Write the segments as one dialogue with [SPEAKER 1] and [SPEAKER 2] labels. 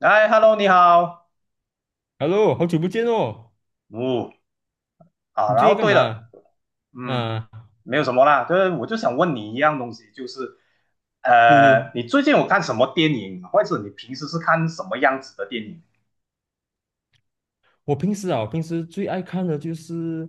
[SPEAKER 1] 哎，Hello，你好，
[SPEAKER 2] Hello，好久不见哦！
[SPEAKER 1] 哦，啊，
[SPEAKER 2] 你
[SPEAKER 1] 然
[SPEAKER 2] 最
[SPEAKER 1] 后
[SPEAKER 2] 近干
[SPEAKER 1] 对
[SPEAKER 2] 嘛？
[SPEAKER 1] 了，嗯，
[SPEAKER 2] 啊，
[SPEAKER 1] 没有什么啦，就是我就想问你一样东西，就是
[SPEAKER 2] 对对，
[SPEAKER 1] 你最近有看什么电影，或者你平时是看什么样子的电影？
[SPEAKER 2] 我平时最爱看的就是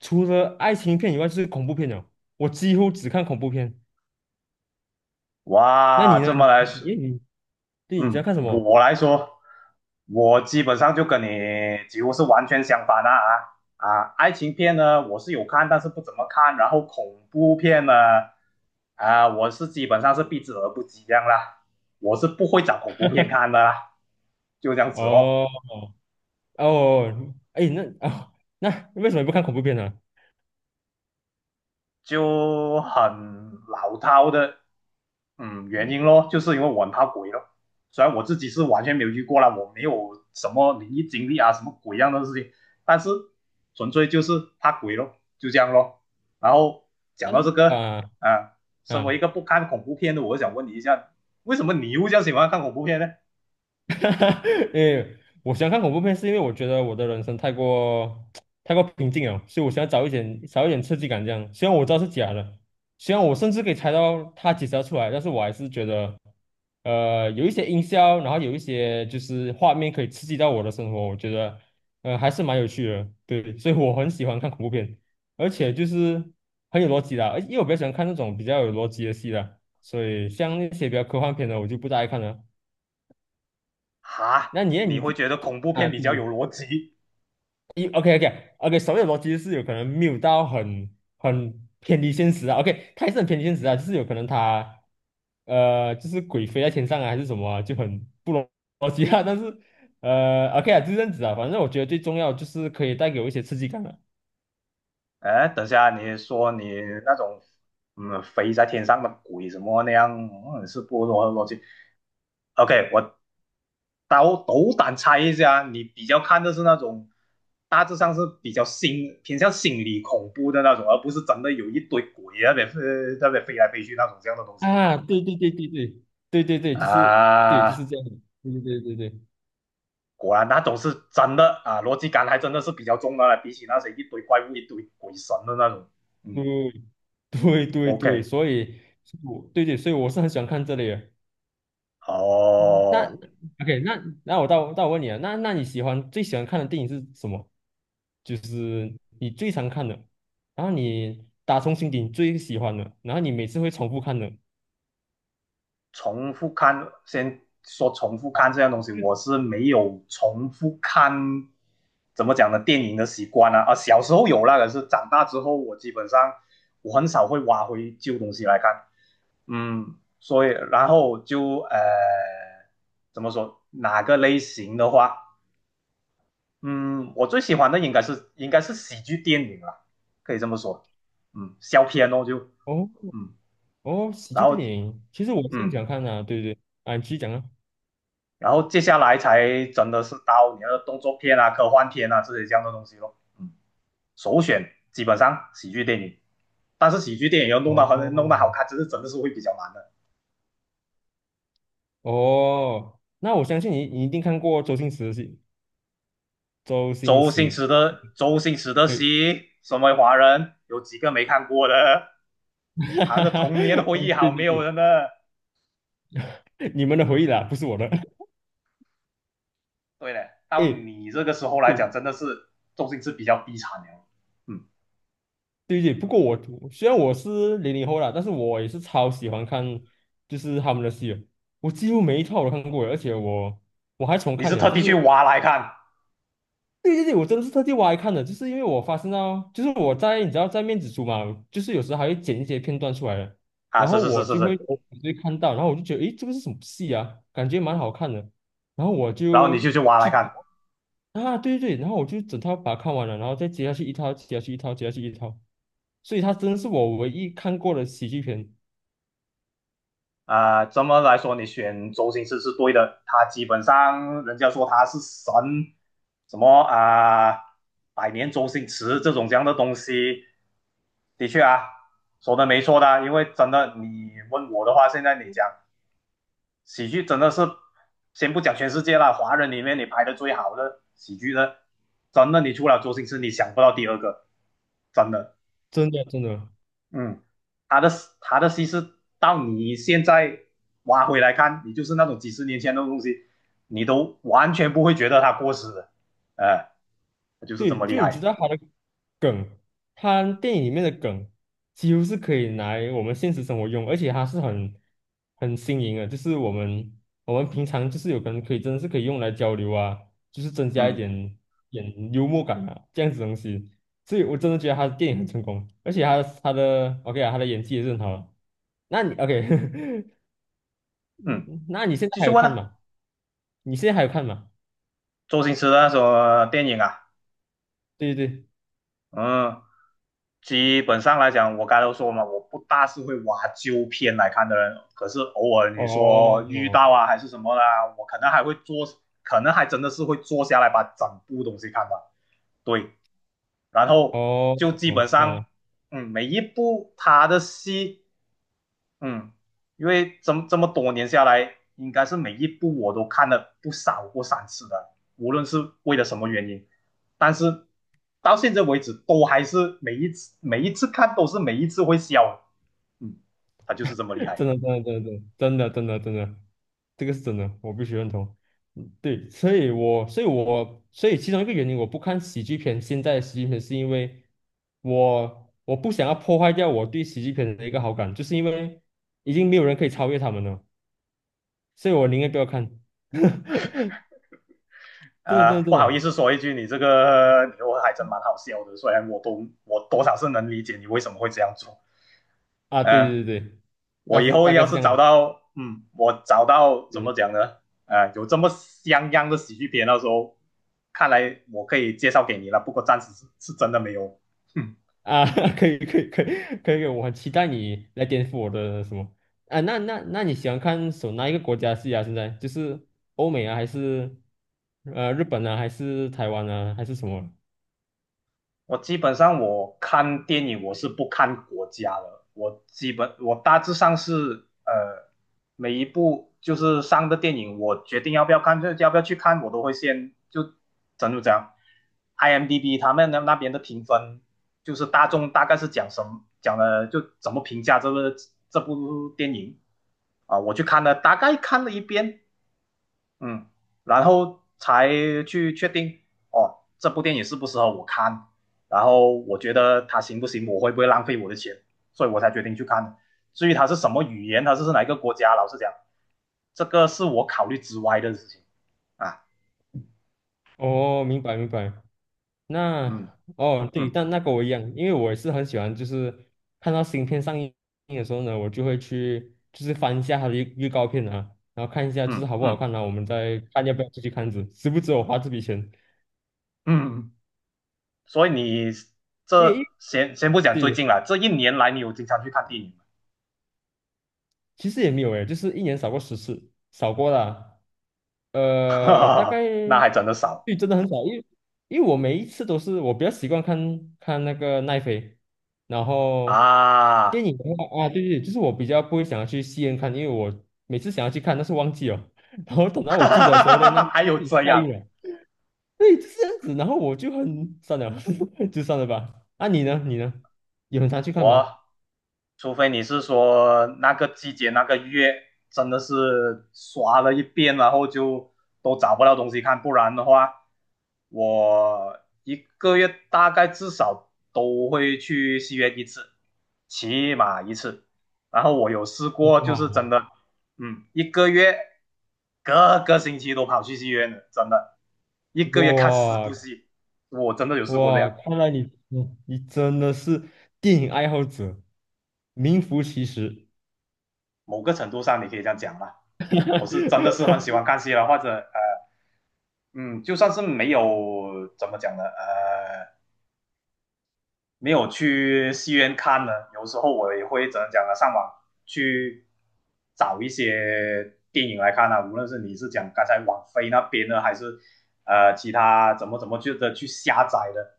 [SPEAKER 2] 除了爱情片以外，就是恐怖片了。我几乎只看恐怖片。那
[SPEAKER 1] 哇，
[SPEAKER 2] 你呢？
[SPEAKER 1] 这么
[SPEAKER 2] 你
[SPEAKER 1] 来说，
[SPEAKER 2] 你你，对，你在
[SPEAKER 1] 嗯，
[SPEAKER 2] 看什么？
[SPEAKER 1] 我来说，我基本上就跟你几乎是完全相反啊啊！啊爱情片呢，我是有看，但是不怎么看。然后恐怖片呢，啊，我基本上是避之而不及这样啦。我是不会找恐怖片看的啦，就这样子咯。
[SPEAKER 2] 哦哦，哎，啊、那为什么不看恐怖片呢？
[SPEAKER 1] 就很老套的，嗯，原因咯，就是因为我很怕鬼咯。虽然我自己是完全没有遇过啦，我没有什么灵异经历啊，什么鬼样的事情，但是纯粹就是怕鬼咯，就这样咯。然后讲到这个
[SPEAKER 2] 啊
[SPEAKER 1] 啊，身
[SPEAKER 2] 啊
[SPEAKER 1] 为一个不看恐怖片的，我想问你一下，为什么你又这样喜欢看恐怖片呢？
[SPEAKER 2] 哈哈，为我喜欢看恐怖片，是因为我觉得我的人生太过 太过平静了，所以我想要找一点刺激感，这样。虽然我知道是假的，虽然我甚至可以猜到它解时要出来，但是我还是觉得，有一些音效，然后有一些就是画面可以刺激到我的生活，我觉得，还是蛮有趣的。对，所以我很喜欢看恐怖片，而且就是很有逻辑的，而因为我比较喜欢看那种比较有逻辑的戏啦，所以像那些比较科幻片的，我就不大爱看了。
[SPEAKER 1] 哈，
[SPEAKER 2] 那你
[SPEAKER 1] 你会
[SPEAKER 2] 你
[SPEAKER 1] 觉得恐怖
[SPEAKER 2] 啊，
[SPEAKER 1] 片比
[SPEAKER 2] 比
[SPEAKER 1] 较有
[SPEAKER 2] 如
[SPEAKER 1] 逻辑，
[SPEAKER 2] OK OK OK，手写逻辑是有可能没有到很偏离现实啊。OK，它也是很偏离现实啊，就是有可能它就是鬼飞在天上啊，还是什么啊就很不逻辑啊。但是OK 啊，就这样子啊。反正我觉得最重要就是可以带给我一些刺激感了
[SPEAKER 1] 哎，等下你说你那种飞在天上的鬼什么那样，嗯，是不？萝逻辑。OK，我斗胆猜一下，你比较看的是那种大致上是比较偏向心理恐怖的那种，而不是真的有一堆鬼在那边飞来飞去那种这样的东西
[SPEAKER 2] 啊。对对对对对对对对，就是对就
[SPEAKER 1] 啊。
[SPEAKER 2] 是这样的，对对对对对
[SPEAKER 1] 果然那种是真的啊，逻辑感还真的是比较重的了，比起那些一堆怪物、一堆鬼神的那种。嗯
[SPEAKER 2] 对对对对，
[SPEAKER 1] ，OK，
[SPEAKER 2] 所以我对对，所以我是很喜欢看这类的。那
[SPEAKER 1] 哦。
[SPEAKER 2] OK，那我到到我问你啊，那你最喜欢看的电影是什么？就是你最常看的，然后你打从心底你最喜欢的，然后你每次会重复看的。
[SPEAKER 1] 重复看，先说重复
[SPEAKER 2] 啊，
[SPEAKER 1] 看这样东西，我
[SPEAKER 2] 嗯，
[SPEAKER 1] 是没有重复看怎么讲呢电影的习惯啊。啊，小时候有那个是长大之后我基本上我很少会挖回旧东西来看。嗯，所以然后就怎么说哪个类型的话，嗯，我最喜欢的应该是喜剧电影啦，可以这么说。嗯，笑片哦就
[SPEAKER 2] 哦
[SPEAKER 1] 嗯，
[SPEAKER 2] 哦，喜
[SPEAKER 1] 然
[SPEAKER 2] 剧电
[SPEAKER 1] 后
[SPEAKER 2] 影，其实我是很喜
[SPEAKER 1] 嗯。
[SPEAKER 2] 欢看的啊对不对，啊，你继续讲啊。
[SPEAKER 1] 然后接下来才真的是到你的动作片啊、科幻片啊这些这样的东西咯。嗯，首选基本上喜剧电影，但是喜剧电影要弄到很弄得好
[SPEAKER 2] 哦
[SPEAKER 1] 看，真的是会比较难的。
[SPEAKER 2] 哦，那我相信你，你一定看过周星驰的戏，周星
[SPEAKER 1] 周星
[SPEAKER 2] 驰，
[SPEAKER 1] 驰的周星驰的
[SPEAKER 2] 对，
[SPEAKER 1] 戏，身为华人有几个没看过的？还有个童年回忆 好
[SPEAKER 2] 对对
[SPEAKER 1] 没有
[SPEAKER 2] 对，
[SPEAKER 1] 人的。
[SPEAKER 2] 你们的回忆啦，不是我的。
[SPEAKER 1] 对了，到
[SPEAKER 2] 诶
[SPEAKER 1] 你这个时候来
[SPEAKER 2] 哎，对
[SPEAKER 1] 讲，真的是周星驰比较低产了。嗯，
[SPEAKER 2] 对对，不过虽然我是00后啦，但是我也是超喜欢看，就是他们的戏的我几乎每一套我都看过的而且我还重
[SPEAKER 1] 你
[SPEAKER 2] 看
[SPEAKER 1] 是
[SPEAKER 2] 呢，
[SPEAKER 1] 特
[SPEAKER 2] 就
[SPEAKER 1] 地
[SPEAKER 2] 是
[SPEAKER 1] 去挖来看
[SPEAKER 2] 对对对，我真的是特地挖来看的，就是因为我发现到，就是我在你知道在面子书嘛，就是有时候还会剪一些片段出来的，
[SPEAKER 1] 啊？
[SPEAKER 2] 然后
[SPEAKER 1] 是是
[SPEAKER 2] 我
[SPEAKER 1] 是是
[SPEAKER 2] 就会
[SPEAKER 1] 是，
[SPEAKER 2] 我就会看到，然后我就觉得，诶，这个是什么戏啊？感觉蛮好看的，然后我
[SPEAKER 1] 然后你就
[SPEAKER 2] 就
[SPEAKER 1] 去挖来
[SPEAKER 2] 去
[SPEAKER 1] 看。
[SPEAKER 2] 啊，对对对，然后我就整套把它看完了，然后再接下去一套，接下去一套，接下去一套。所以他真的是我唯一看过的喜剧片，
[SPEAKER 1] 啊，这么来说，你选周星驰是对的，他基本上人家说他是神，什么啊，百年周星驰这种这样的东西，的确啊，说的没错的，因为真的你问我的话，现在你讲喜剧真的是，先不讲全世界了，华人里面你拍的最好的喜剧的，真的你除了周星驰，你想不到第二个，真的。
[SPEAKER 2] 真的真的。
[SPEAKER 1] 嗯，他的他的西施到你现在挖回来看，你就是那种几十年前的东西，你都完全不会觉得它过时的，哎、就是这
[SPEAKER 2] 对，
[SPEAKER 1] 么厉
[SPEAKER 2] 就你知
[SPEAKER 1] 害。
[SPEAKER 2] 道他的梗，他电影里面的梗几乎是可以拿来我们现实生活用，而且他是很新颖的，就是我们平常就是有可能可以真的是可以用来交流啊，就是增加一
[SPEAKER 1] 嗯
[SPEAKER 2] 点点幽默感啊，这样子东西。所以我真的觉得他的电影很成功，而且他的 OK 啊，他的演技也是很好啊那你 OK，
[SPEAKER 1] 嗯，
[SPEAKER 2] 那你现在
[SPEAKER 1] 继
[SPEAKER 2] 还
[SPEAKER 1] 续
[SPEAKER 2] 有
[SPEAKER 1] 问
[SPEAKER 2] 看
[SPEAKER 1] 啊，
[SPEAKER 2] 吗？你现在还有看吗？
[SPEAKER 1] 周星驰的那首电影啊，
[SPEAKER 2] 对对对。
[SPEAKER 1] 嗯，基本上来讲，我刚才都说嘛，我不大是会挖旧片来看的人，可是偶尔
[SPEAKER 2] 哦
[SPEAKER 1] 你说遇
[SPEAKER 2] 哦
[SPEAKER 1] 到啊还是什么啦，我可能还会坐，可能还真的是会坐下来把整部东西看完。对，然后
[SPEAKER 2] 哦，
[SPEAKER 1] 就基本上，
[SPEAKER 2] 啊，
[SPEAKER 1] 嗯，每一部他的戏，嗯，因为这么多年下来，应该是每一部我都看了不少过三次的，无论是为了什么原因，但是到现在为止，都还是每一次每一次看都是每一次会笑，嗯，他就是这么厉害。
[SPEAKER 2] 真的真的真的真的真的真的，这个是真的，我必须认同。嗯对，所以其中一个原因我不看喜剧片，现在的喜剧片是因为我不想要破坏掉我对喜剧片的一个好感，就是因为已经没有人可以超越他们了，所以我宁愿不要看。真的真的真
[SPEAKER 1] 不好意
[SPEAKER 2] 的
[SPEAKER 1] 思说一句，你这个你我还真蛮好笑的，虽然我多少是能理解你为什么会这样做，
[SPEAKER 2] 啊，对
[SPEAKER 1] 呃，
[SPEAKER 2] 对对对，
[SPEAKER 1] 我
[SPEAKER 2] 但
[SPEAKER 1] 以
[SPEAKER 2] 是
[SPEAKER 1] 后
[SPEAKER 2] 大概
[SPEAKER 1] 要
[SPEAKER 2] 是
[SPEAKER 1] 是
[SPEAKER 2] 这样
[SPEAKER 1] 找
[SPEAKER 2] 的。
[SPEAKER 1] 到，嗯，我找到怎么讲呢？啊、有这么像样的喜剧片，到时候看来我可以介绍给你了。不过暂时是真的没有。哼
[SPEAKER 2] 啊，可以可以可以可以，我很期待你来颠覆我的什么啊？那你喜欢看哪一个国家的戏啊？现在就是欧美啊，还是日本啊，还是台湾啊，还是什么？
[SPEAKER 1] 我基本上我看电影我是不看国家的，我基本我大致上是每一部就是上的电影，我决定要不要看，就要不要去看，我都会先就这样 IMDb 他们那边的评分，就是大众大概是讲什么讲的，就怎么评价这部电影啊，我去看了，大概看了一遍，嗯，然后才去确定哦，这部电影适不适合我看，然后我觉得它行不行，我会不会浪费我的钱，所以我才决定去看的。至于它是什么语言，它是哪一个国家，老实讲，这个是我考虑之外的事情啊。
[SPEAKER 2] 哦，明白明白。
[SPEAKER 1] 嗯
[SPEAKER 2] 那哦对，
[SPEAKER 1] 嗯
[SPEAKER 2] 但那跟我一样，因为我也是很喜欢，就是看到新片上映的时候呢，我就会去就是翻一下它的预告片啊，然后看一下就是
[SPEAKER 1] 嗯
[SPEAKER 2] 好不好
[SPEAKER 1] 嗯
[SPEAKER 2] 看啊，我们再看要不要出去看子，值不值我花这笔钱。
[SPEAKER 1] 嗯，所以你这
[SPEAKER 2] 对
[SPEAKER 1] 先不讲最
[SPEAKER 2] 对，
[SPEAKER 1] 近了，这一年来你有经常去看电影吗？
[SPEAKER 2] 其实也没有诶，就是一年扫过10次，扫过啦。
[SPEAKER 1] 哈哈
[SPEAKER 2] 大概
[SPEAKER 1] 哈，那还真的少
[SPEAKER 2] 对，真的很少，因为我每一次都是我比较习惯看看那个奈飞，然后
[SPEAKER 1] 啊，
[SPEAKER 2] 电 影的话啊，对对，就是我比较不会想要去戏院看，因为我每次想要去看，但是忘记了，然后等到
[SPEAKER 1] 哈
[SPEAKER 2] 我记
[SPEAKER 1] 哈
[SPEAKER 2] 得的时候
[SPEAKER 1] 哈
[SPEAKER 2] 呢，那
[SPEAKER 1] 哈，还
[SPEAKER 2] 那
[SPEAKER 1] 有
[SPEAKER 2] 自己
[SPEAKER 1] 这
[SPEAKER 2] 下映
[SPEAKER 1] 样
[SPEAKER 2] 了，对，就是这样子，然后我就很算了，就算了吧。啊，你呢？你呢？有很常去看吗？
[SPEAKER 1] 我。除非你是说那个季节那个月真的是刷了一遍，然后就都找不到东西看，不然的话，我一个月大概至少都会去戏院一次，起码一次。然后我有试过，就是真
[SPEAKER 2] 哇
[SPEAKER 1] 的，嗯，一个月各个星期都跑去戏院的，真的，一个月看四
[SPEAKER 2] 哇，
[SPEAKER 1] 部戏，我真的有试过这
[SPEAKER 2] 哇，
[SPEAKER 1] 样。
[SPEAKER 2] 看来你，你真的是电影爱好者，名副其实。
[SPEAKER 1] 某个程度上你可以这样讲吧。我真的是很喜欢 看戏了，或者嗯，就算是没有怎么讲呢，没有去戏院看呢，有时候我也会怎么讲呢，上网去找一些电影来看啊，无论是你是讲刚才网飞那边的，还是其他怎么去下载的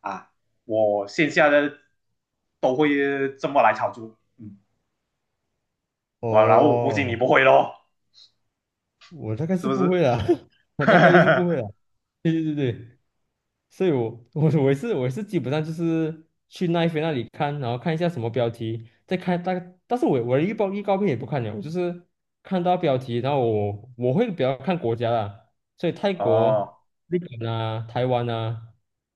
[SPEAKER 1] 啊，我线下的都会这么来炒作，嗯，哇，然后我估计你
[SPEAKER 2] 哦，
[SPEAKER 1] 不会咯，
[SPEAKER 2] 我大概
[SPEAKER 1] 是
[SPEAKER 2] 是
[SPEAKER 1] 不
[SPEAKER 2] 不会
[SPEAKER 1] 是？
[SPEAKER 2] 啦，我大概率是不会啦。对对对对。所以我也是基本上就是去奈飞那里看，然后看一下什么标题，再看大概。但是我的预告片也不看了，我就是看到标题，然后我会比较看国家啦，所以泰国、
[SPEAKER 1] 哦
[SPEAKER 2] 日本啊、台湾啊，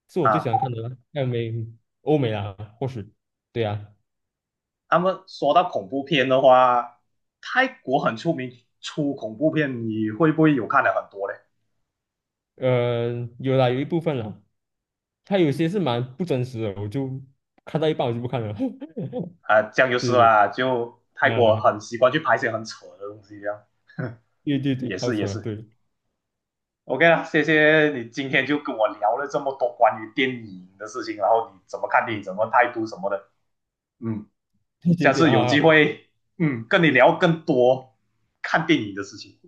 [SPEAKER 2] 是我最喜
[SPEAKER 1] 啊，
[SPEAKER 2] 欢看的啦，还有欧美啦，或许对啊，
[SPEAKER 1] 那么说到恐怖片的话，泰国很出名出恐怖片，你会不会有看了很多嘞？
[SPEAKER 2] 呃，有啦，有一部分啦，它有些是蛮不真实的，我就看到一半我就不看了，
[SPEAKER 1] 啊，这样就是
[SPEAKER 2] 对对
[SPEAKER 1] 啦，就泰
[SPEAKER 2] 对
[SPEAKER 1] 国
[SPEAKER 2] 啊，
[SPEAKER 1] 很习惯去拍一些很扯的东西，这样
[SPEAKER 2] 对对对，
[SPEAKER 1] 也
[SPEAKER 2] 超
[SPEAKER 1] 是也
[SPEAKER 2] 扯
[SPEAKER 1] 是。
[SPEAKER 2] 对
[SPEAKER 1] OK 啦，谢谢你今天就跟我聊了这么多关于电影的事情，然后你怎么看电影，怎么态度什么的。嗯，
[SPEAKER 2] 对对
[SPEAKER 1] 下
[SPEAKER 2] 对
[SPEAKER 1] 次有机
[SPEAKER 2] 啊。
[SPEAKER 1] 会，嗯，跟你聊更多看电影的事情。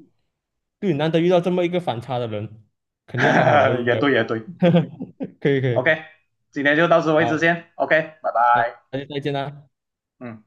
[SPEAKER 2] 对，难得遇到这么一个反差的人，肯定要好好聊 一
[SPEAKER 1] 也
[SPEAKER 2] 聊。
[SPEAKER 1] 对也对
[SPEAKER 2] 可以可以，
[SPEAKER 1] ，OK，今天就到此为止
[SPEAKER 2] 好，
[SPEAKER 1] 先，OK，拜
[SPEAKER 2] 那
[SPEAKER 1] 拜。
[SPEAKER 2] 那就再见啦。
[SPEAKER 1] 嗯，